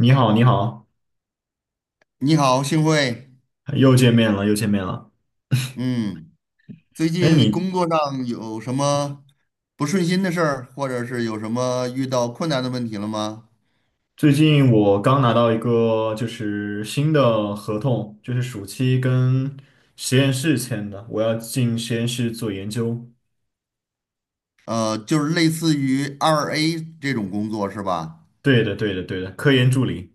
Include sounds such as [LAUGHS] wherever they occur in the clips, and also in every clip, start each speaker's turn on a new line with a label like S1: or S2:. S1: 你好，你好。
S2: 你好，幸会。
S1: 又见面了，又见面了。
S2: 嗯，最
S1: 哎，
S2: 近工作上有什么不顺心的事儿，或者是有什么遇到困难的问题了吗？
S1: 最近我刚拿到一个就是新的合同，就是暑期跟实验室签的，我要进实验室做研究。
S2: 就是类似于二 A 这种工作是吧？
S1: 对的，对的，对的，科研助理。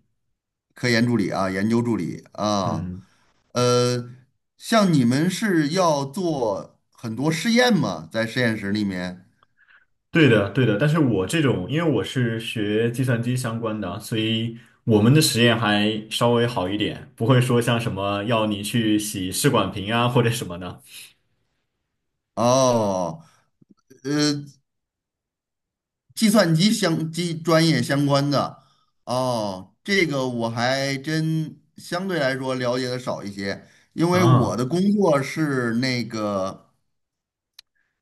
S2: 科研助理啊，研究助理啊，
S1: 嗯，
S2: 呃，像你们是要做很多实验吗？在实验室里面？
S1: 对的，对的。但是我这种，因为我是学计算机相关的，所以我们的实验还稍微好一点，不会说像什么要你去洗试管瓶啊或者什么的。
S2: 哦，呃计算机相机专业相关的哦，这个我还真相对来说了解的少一些，因为我
S1: 啊
S2: 的工作是那个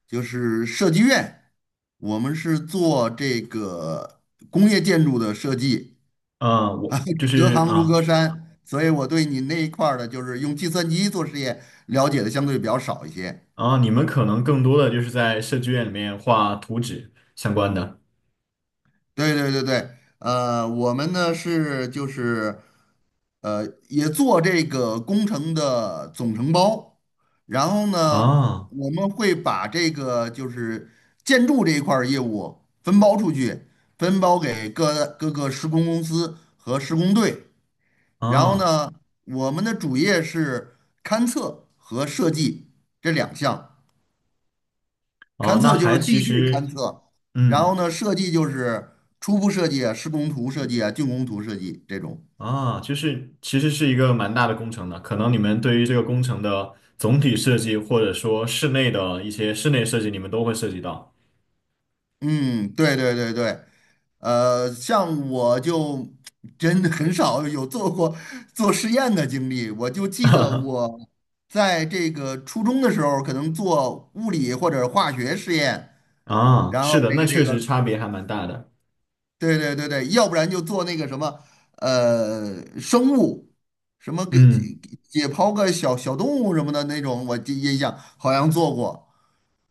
S2: 就是设计院，我们是做这个工业建筑的设计
S1: 啊，
S2: 啊，
S1: 我就
S2: [LAUGHS] 隔
S1: 是
S2: 行如
S1: 啊。
S2: 隔山，所以我对你那一块儿的，就是用计算机做实验了解的相对比较少一些。
S1: 啊，你们可能更多的就是在设计院里面画图纸相关的。
S2: 对对对对，我们呢是就是，呃，也做这个工程的总承包，然后呢，
S1: 啊
S2: 我们会把这个就是建筑这一块儿业务分包出去，分包给各个施工公司和施工队，然后
S1: 啊
S2: 呢，我们的主业是勘测和设计这两项。
S1: 啊，
S2: 勘
S1: 那
S2: 测就
S1: 还
S2: 是
S1: 其
S2: 地质勘
S1: 实，
S2: 测，然后
S1: 嗯
S2: 呢，设计就是初步设计啊、施工图设计啊、竣工图设计这种。
S1: 啊，就是其实是一个蛮大的工程的。可能你们对于这个工程的总体设计，或者说室内的一些室内设计，你们都会涉及到。
S2: 嗯，对对对对，像我就真的很少有做过做实验的经历，我就记得
S1: [LAUGHS]
S2: 我在这个初中的时候，可能做物理或者化学实验，
S1: 啊，
S2: 然
S1: 是
S2: 后
S1: 的，
S2: 这
S1: 那
S2: 个
S1: 确
S2: 这
S1: 实
S2: 个
S1: 差别还蛮大的。
S2: 对对对对，要不然就做那个什么，生物，什么给
S1: 嗯。
S2: 解剖个小小动物什么的那种，我记印象好像做过。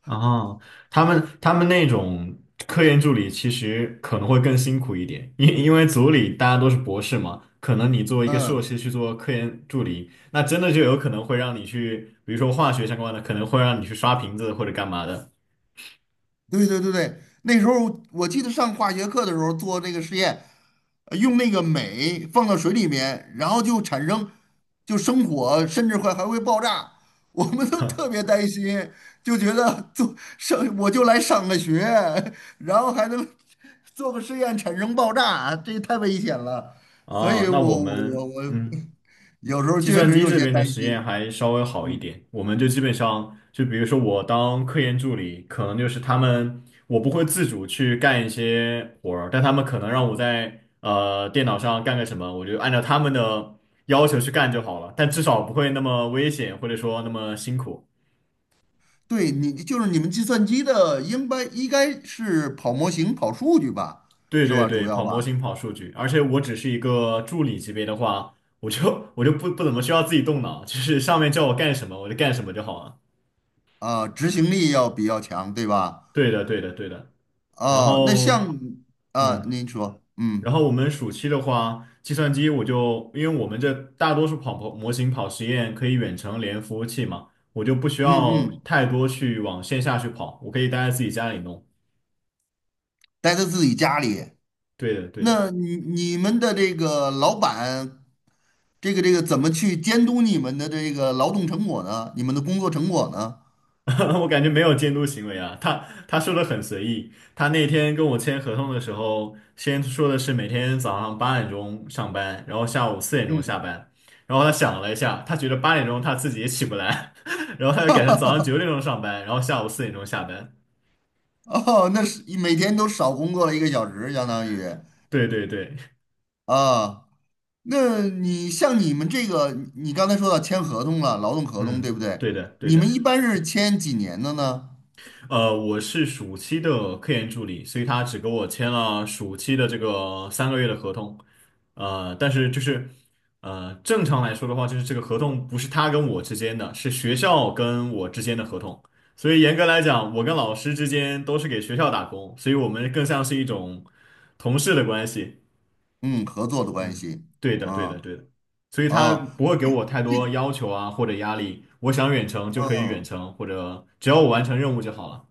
S1: 啊，他们那种科研助理其实可能会更辛苦一点，因为组里大家都是博士嘛，可能你作为一个硕
S2: 嗯。
S1: 士去做科研助理，那真的就有可能会让你去，比如说化学相关的，可能会让你去刷瓶子或者干嘛的。
S2: 对对对对，那时候我记得上化学课的时候做那个实验，用那个镁放到水里面，然后就产生就生火，甚至会还会爆炸，我们都特
S1: [LAUGHS]
S2: 别担心，就觉得做上我就来上个学，然后还能做个实验产生爆炸，这太危险了，所
S1: 哦，
S2: 以
S1: 那我
S2: 我我我
S1: 们
S2: 我
S1: 嗯。
S2: [LAUGHS] 有时候
S1: 计
S2: 确
S1: 算
S2: 实
S1: 机
S2: 有
S1: 这
S2: 些
S1: 边的
S2: 担
S1: 实验
S2: 心，
S1: 还稍微好一
S2: 嗯。
S1: 点，我们就基本上就比如说我当科研助理，可能就是他们我不会自主去干一些活儿，但他们可能让我在电脑上干个什么，我就按照他们的要求去干就好了，但至少不会那么危险或者说那么辛苦。
S2: 对你就是你们计算机的，应该是跑模型、跑数据吧，
S1: 对
S2: 是
S1: 对
S2: 吧？主
S1: 对，跑
S2: 要
S1: 模
S2: 吧，
S1: 型跑数据，而且我只是一个助理级别的话，我就不怎么需要自己动脑，就是上面叫我干什么我就干什么就好了。
S2: 啊、执行力要比较强，对吧？
S1: 对的对的对的，然
S2: 哦、那
S1: 后。
S2: 像啊、
S1: 嗯，
S2: 您说，
S1: 然
S2: 嗯
S1: 后我们暑期的话，计算机我就，因为我们这大多数跑模型跑实验可以远程连服务器嘛，我就不需
S2: 嗯
S1: 要
S2: 嗯，
S1: 太多去往线下去跑，我可以待在自己家里弄。
S2: 待在自己家里，
S1: 对的，对的。
S2: 那你你们的这个老板，这个怎么去监督你们的这个劳动成果呢？你们的工作成果呢？
S1: [LAUGHS] 我感觉没有监督行为啊，他说的很随意，他那天跟我签合同的时候，先说的是每天早上八点钟上班，然后下午四点钟下
S2: 嗯，
S1: 班，然后他想了一下，他觉得八点钟他自己也起不来，[LAUGHS] 然后他就改成早上九点钟上班，然后下午四点钟下班。
S2: 哦，那是每天都少工作了一个小时，相当于
S1: 对对对，
S2: 啊。那你像你们这个，你刚才说到签合同了，劳动合同对
S1: 嗯，
S2: 不对？
S1: 对的对
S2: 你们
S1: 的。
S2: 一般是签几年的呢？
S1: 我是暑期的科研助理，所以他只给我签了暑期的这个三个月的合同。呃，但是就是呃，正常来说的话，就是这个合同不是他跟我之间的，是学校跟我之间的合同，所以严格来讲，我跟老师之间都是给学校打工，所以我们更像是一种同事的关系。
S2: 嗯，合作的关
S1: 嗯，
S2: 系。
S1: 对的，对的，
S2: 嗯，
S1: 对的。所以他
S2: 哦，
S1: 不会给我太多要求啊，或者压力。我想远程就可以远
S2: 嗯，
S1: 程，或者只要我完成任务就好了。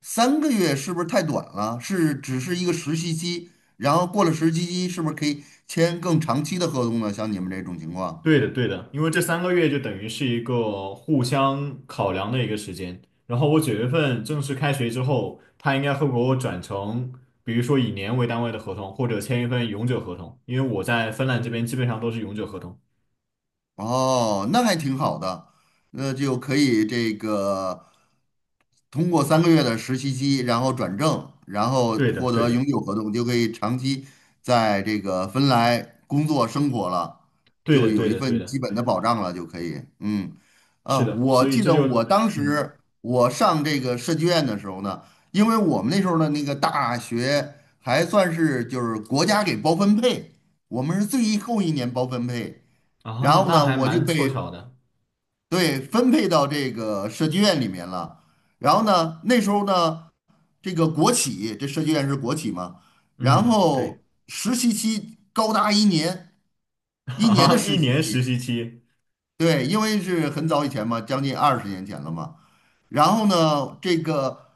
S2: 三个月是不是太短了？是只是一个实习期，然后过了实习期，是不是可以签更长期的合同呢？像你们这种情况。
S1: 对的，对的，因为这三个月就等于是一个互相考量的一个时间。然后我九月份正式开学之后，他应该会给我转成，比如说以年为单位的合同，或者签一份永久合同，因为我在芬兰这边基本上都是永久合同。
S2: 哦，那还挺好的，那就可以这个通过三个月的实习期，然后转正，然后
S1: 对的，
S2: 获
S1: 对
S2: 得
S1: 的，
S2: 永久合同，就可以长期在这个芬兰工作生活了，
S1: 对
S2: 就
S1: 的，
S2: 有
S1: 对
S2: 一
S1: 的，对
S2: 份基
S1: 的，
S2: 本的保障了，就可以。嗯，啊，
S1: 是的，
S2: 我
S1: 所以
S2: 记
S1: 这
S2: 得我
S1: 就
S2: 当
S1: 嗯。
S2: 时我上这个设计院的时候呢，因为我们那时候的那个大学还算是就是国家给包分配，我们是最后一年包分配。然
S1: 啊，
S2: 后
S1: 那
S2: 呢，
S1: 还
S2: 我就
S1: 蛮凑
S2: 被
S1: 巧的。
S2: 对分配到这个设计院里面了。然后呢，那时候呢，这个国企，这设计院是国企嘛，然
S1: 嗯，对。
S2: 后实习期高达一年，
S1: [LAUGHS]
S2: 一年的
S1: 啊，一
S2: 实习
S1: 年实
S2: 期。
S1: 习期，
S2: 对，因为是很早以前嘛，将近20年前了嘛。然后呢，这个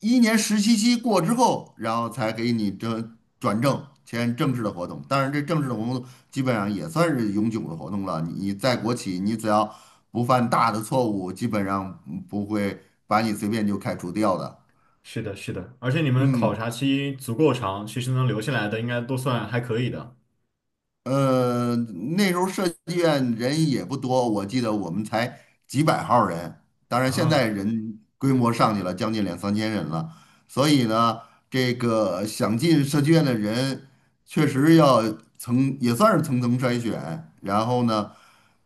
S2: 一年实习期过之后，然后才给你这转正，签正式的合同。当然，这正式的合同基本上也算是永久的合同了。你在国企，你只要不犯大的错误，基本上不会把你随便就开除掉的。
S1: 是的，是的，而且你们考
S2: 嗯。
S1: 察期足够长，其实能留下来的应该都算还可以的。
S2: 呃，那时候设计院人也不多，我记得我们才几百号儿人，当然现在
S1: 啊，
S2: 人规模上去了，将近两三千人了。所以呢，这个想进设计院的人，确实要层也算是层层筛选。然后呢，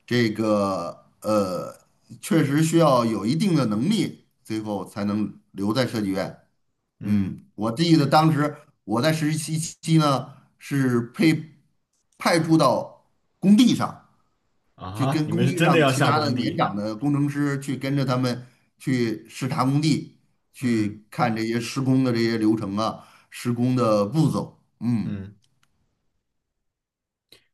S2: 这个呃，确实需要有一定的能力，最后才能留在设计院。
S1: 嗯。
S2: 嗯，我记得当时我在实习期呢，是被派驻到工地上，
S1: 啊
S2: 去
S1: 哈
S2: 跟
S1: 你们
S2: 工
S1: 是
S2: 地
S1: 真的
S2: 上
S1: 要
S2: 其
S1: 下
S2: 他的
S1: 工
S2: 年
S1: 地，
S2: 长的工程师去跟着他们去视察工地，
S1: 嗯
S2: 去看这些施工的这些流程啊，施工的步骤。嗯，
S1: 嗯。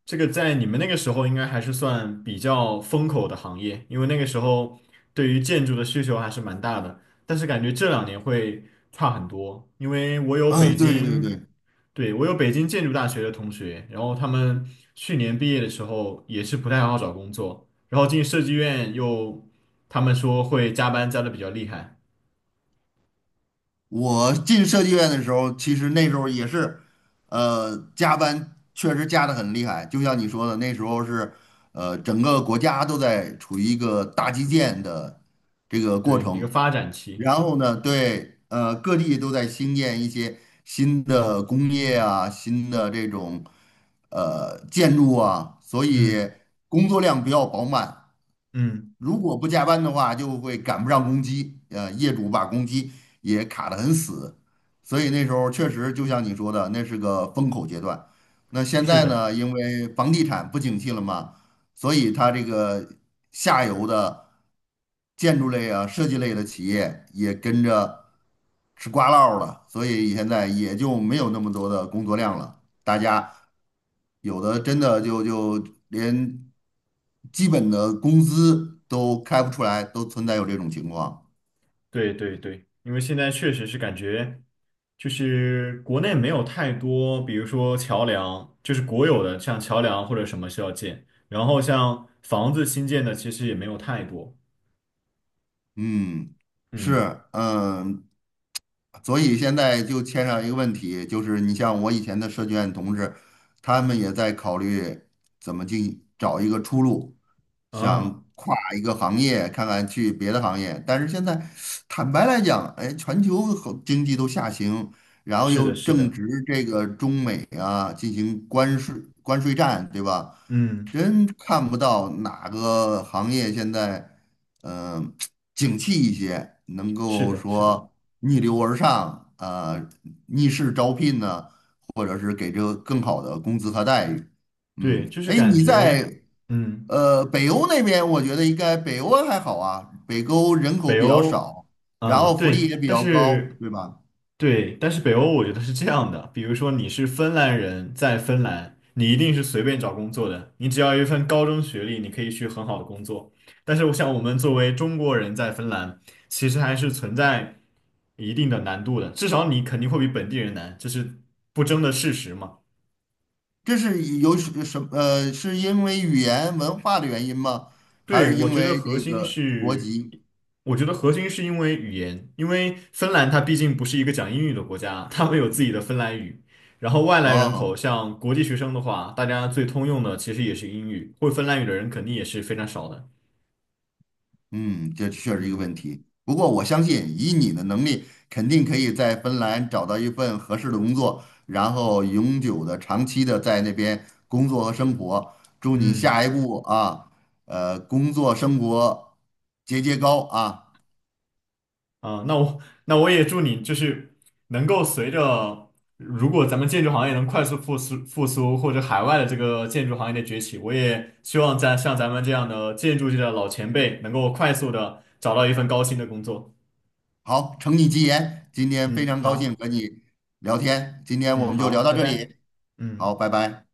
S1: 这个在你们那个时候应该还是算比较风口的行业，因为那个时候对于建筑的需求还是蛮大的。但是感觉这两年会差很多，因为我有
S2: 啊，
S1: 北
S2: 对对对，
S1: 京，对，我有北京建筑大学的同学，然后他们去年毕业的时候也是不太好找工作，然后进设计院又，他们说会加班加的比较厉害，
S2: 我进设计院的时候，其实那时候也是，加班确实加的很厉害。就像你说的，那时候是，整个国家都在处于一个大基建的这个过
S1: 对，一个
S2: 程。
S1: 发展期。
S2: 然后呢，对，各地都在兴建一些新的工业啊，新的这种建筑啊，所以
S1: 嗯
S2: 工作量比较饱满。
S1: 嗯，
S2: 如果不加班的话，就会赶不上工期，业主把工期也卡得很死，所以那时候确实就像你说的，那是个风口阶段。那现
S1: 是
S2: 在
S1: 的。
S2: 呢，因为房地产不景气了嘛，所以它这个下游的建筑类啊、设计类的企业也跟着吃瓜落了，所以现在也就没有那么多的工作量了。大家有的真的就连基本的工资都开不出来，都存在有这种情况。
S1: 对对对，因为现在确实是感觉，就是国内没有太多，比如说桥梁，就是国有的，像桥梁或者什么需要建，然后像房子新建的其实也没有太多。
S2: 嗯，是，
S1: 嗯，
S2: 嗯，所以现在就牵上一个问题，就是你像我以前的设计院同志，他们也在考虑怎么找一个出路，
S1: 啊，
S2: 想跨一个行业，看看去别的行业。但是现在坦白来讲，哎，全球好经济都下行，然后
S1: 是
S2: 又
S1: 的，是
S2: 正
S1: 的，
S2: 值这个中美啊进行关税战，对吧？
S1: 嗯，
S2: 真看不到哪个行业现在，嗯、景气一些，能
S1: 是
S2: 够
S1: 的，是的，
S2: 说逆流而上，逆势招聘呢，或者是给这个更好的工资和待遇。嗯，
S1: 对，就是
S2: 哎，
S1: 感
S2: 你
S1: 觉，
S2: 在
S1: 嗯。
S2: 北欧那边，我觉得应该北欧还好啊，北欧人口
S1: 北
S2: 比较
S1: 欧，
S2: 少，然
S1: 啊、
S2: 后福
S1: 对，
S2: 利也比
S1: 但
S2: 较高，
S1: 是，
S2: 对吧？
S1: 对，但是北欧我觉得是这样的，比如说你是芬兰人，在芬兰，你一定是随便找工作的，你只要有一份高中学历，你可以去很好的工作。但是我想，我们作为中国人在芬兰，其实还是存在一定的难度的，至少你肯定会比本地人难，这是不争的事实嘛。
S2: 这是有什什呃，是因为语言文化的原因吗？还是
S1: 对，我
S2: 因
S1: 觉得
S2: 为
S1: 核
S2: 这
S1: 心
S2: 个国
S1: 是，
S2: 籍？
S1: 我觉得核心是因为语言，因为芬兰它毕竟不是一个讲英语的国家，他们有自己的芬兰语。然后外来人口，
S2: 哦，
S1: 像国际学生的话，大家最通用的其实也是英语，会芬兰语的人肯定也是非常少的。
S2: 嗯，这确实一个
S1: 嗯。
S2: 问题。不过我相信，以你的能力，肯定可以在芬兰找到一份合适的工作，然后永久的、长期的在那边工作和生活。祝你
S1: 嗯。
S2: 下一步啊，工作生活节节高啊！
S1: 啊，那我那我也祝你就是能够随着，如果咱们建筑行业能快速复苏，或者海外的这个建筑行业的崛起，我也希望咱像咱们这样的建筑界的老前辈，能够快速的找到一份高薪的工作。
S2: 好，承你吉言，今天非
S1: 嗯，
S2: 常高兴
S1: 好，
S2: 和你聊天，今天我
S1: 嗯，
S2: 们就
S1: 好，
S2: 聊到
S1: 拜
S2: 这
S1: 拜，
S2: 里，好，
S1: 嗯。
S2: 拜拜。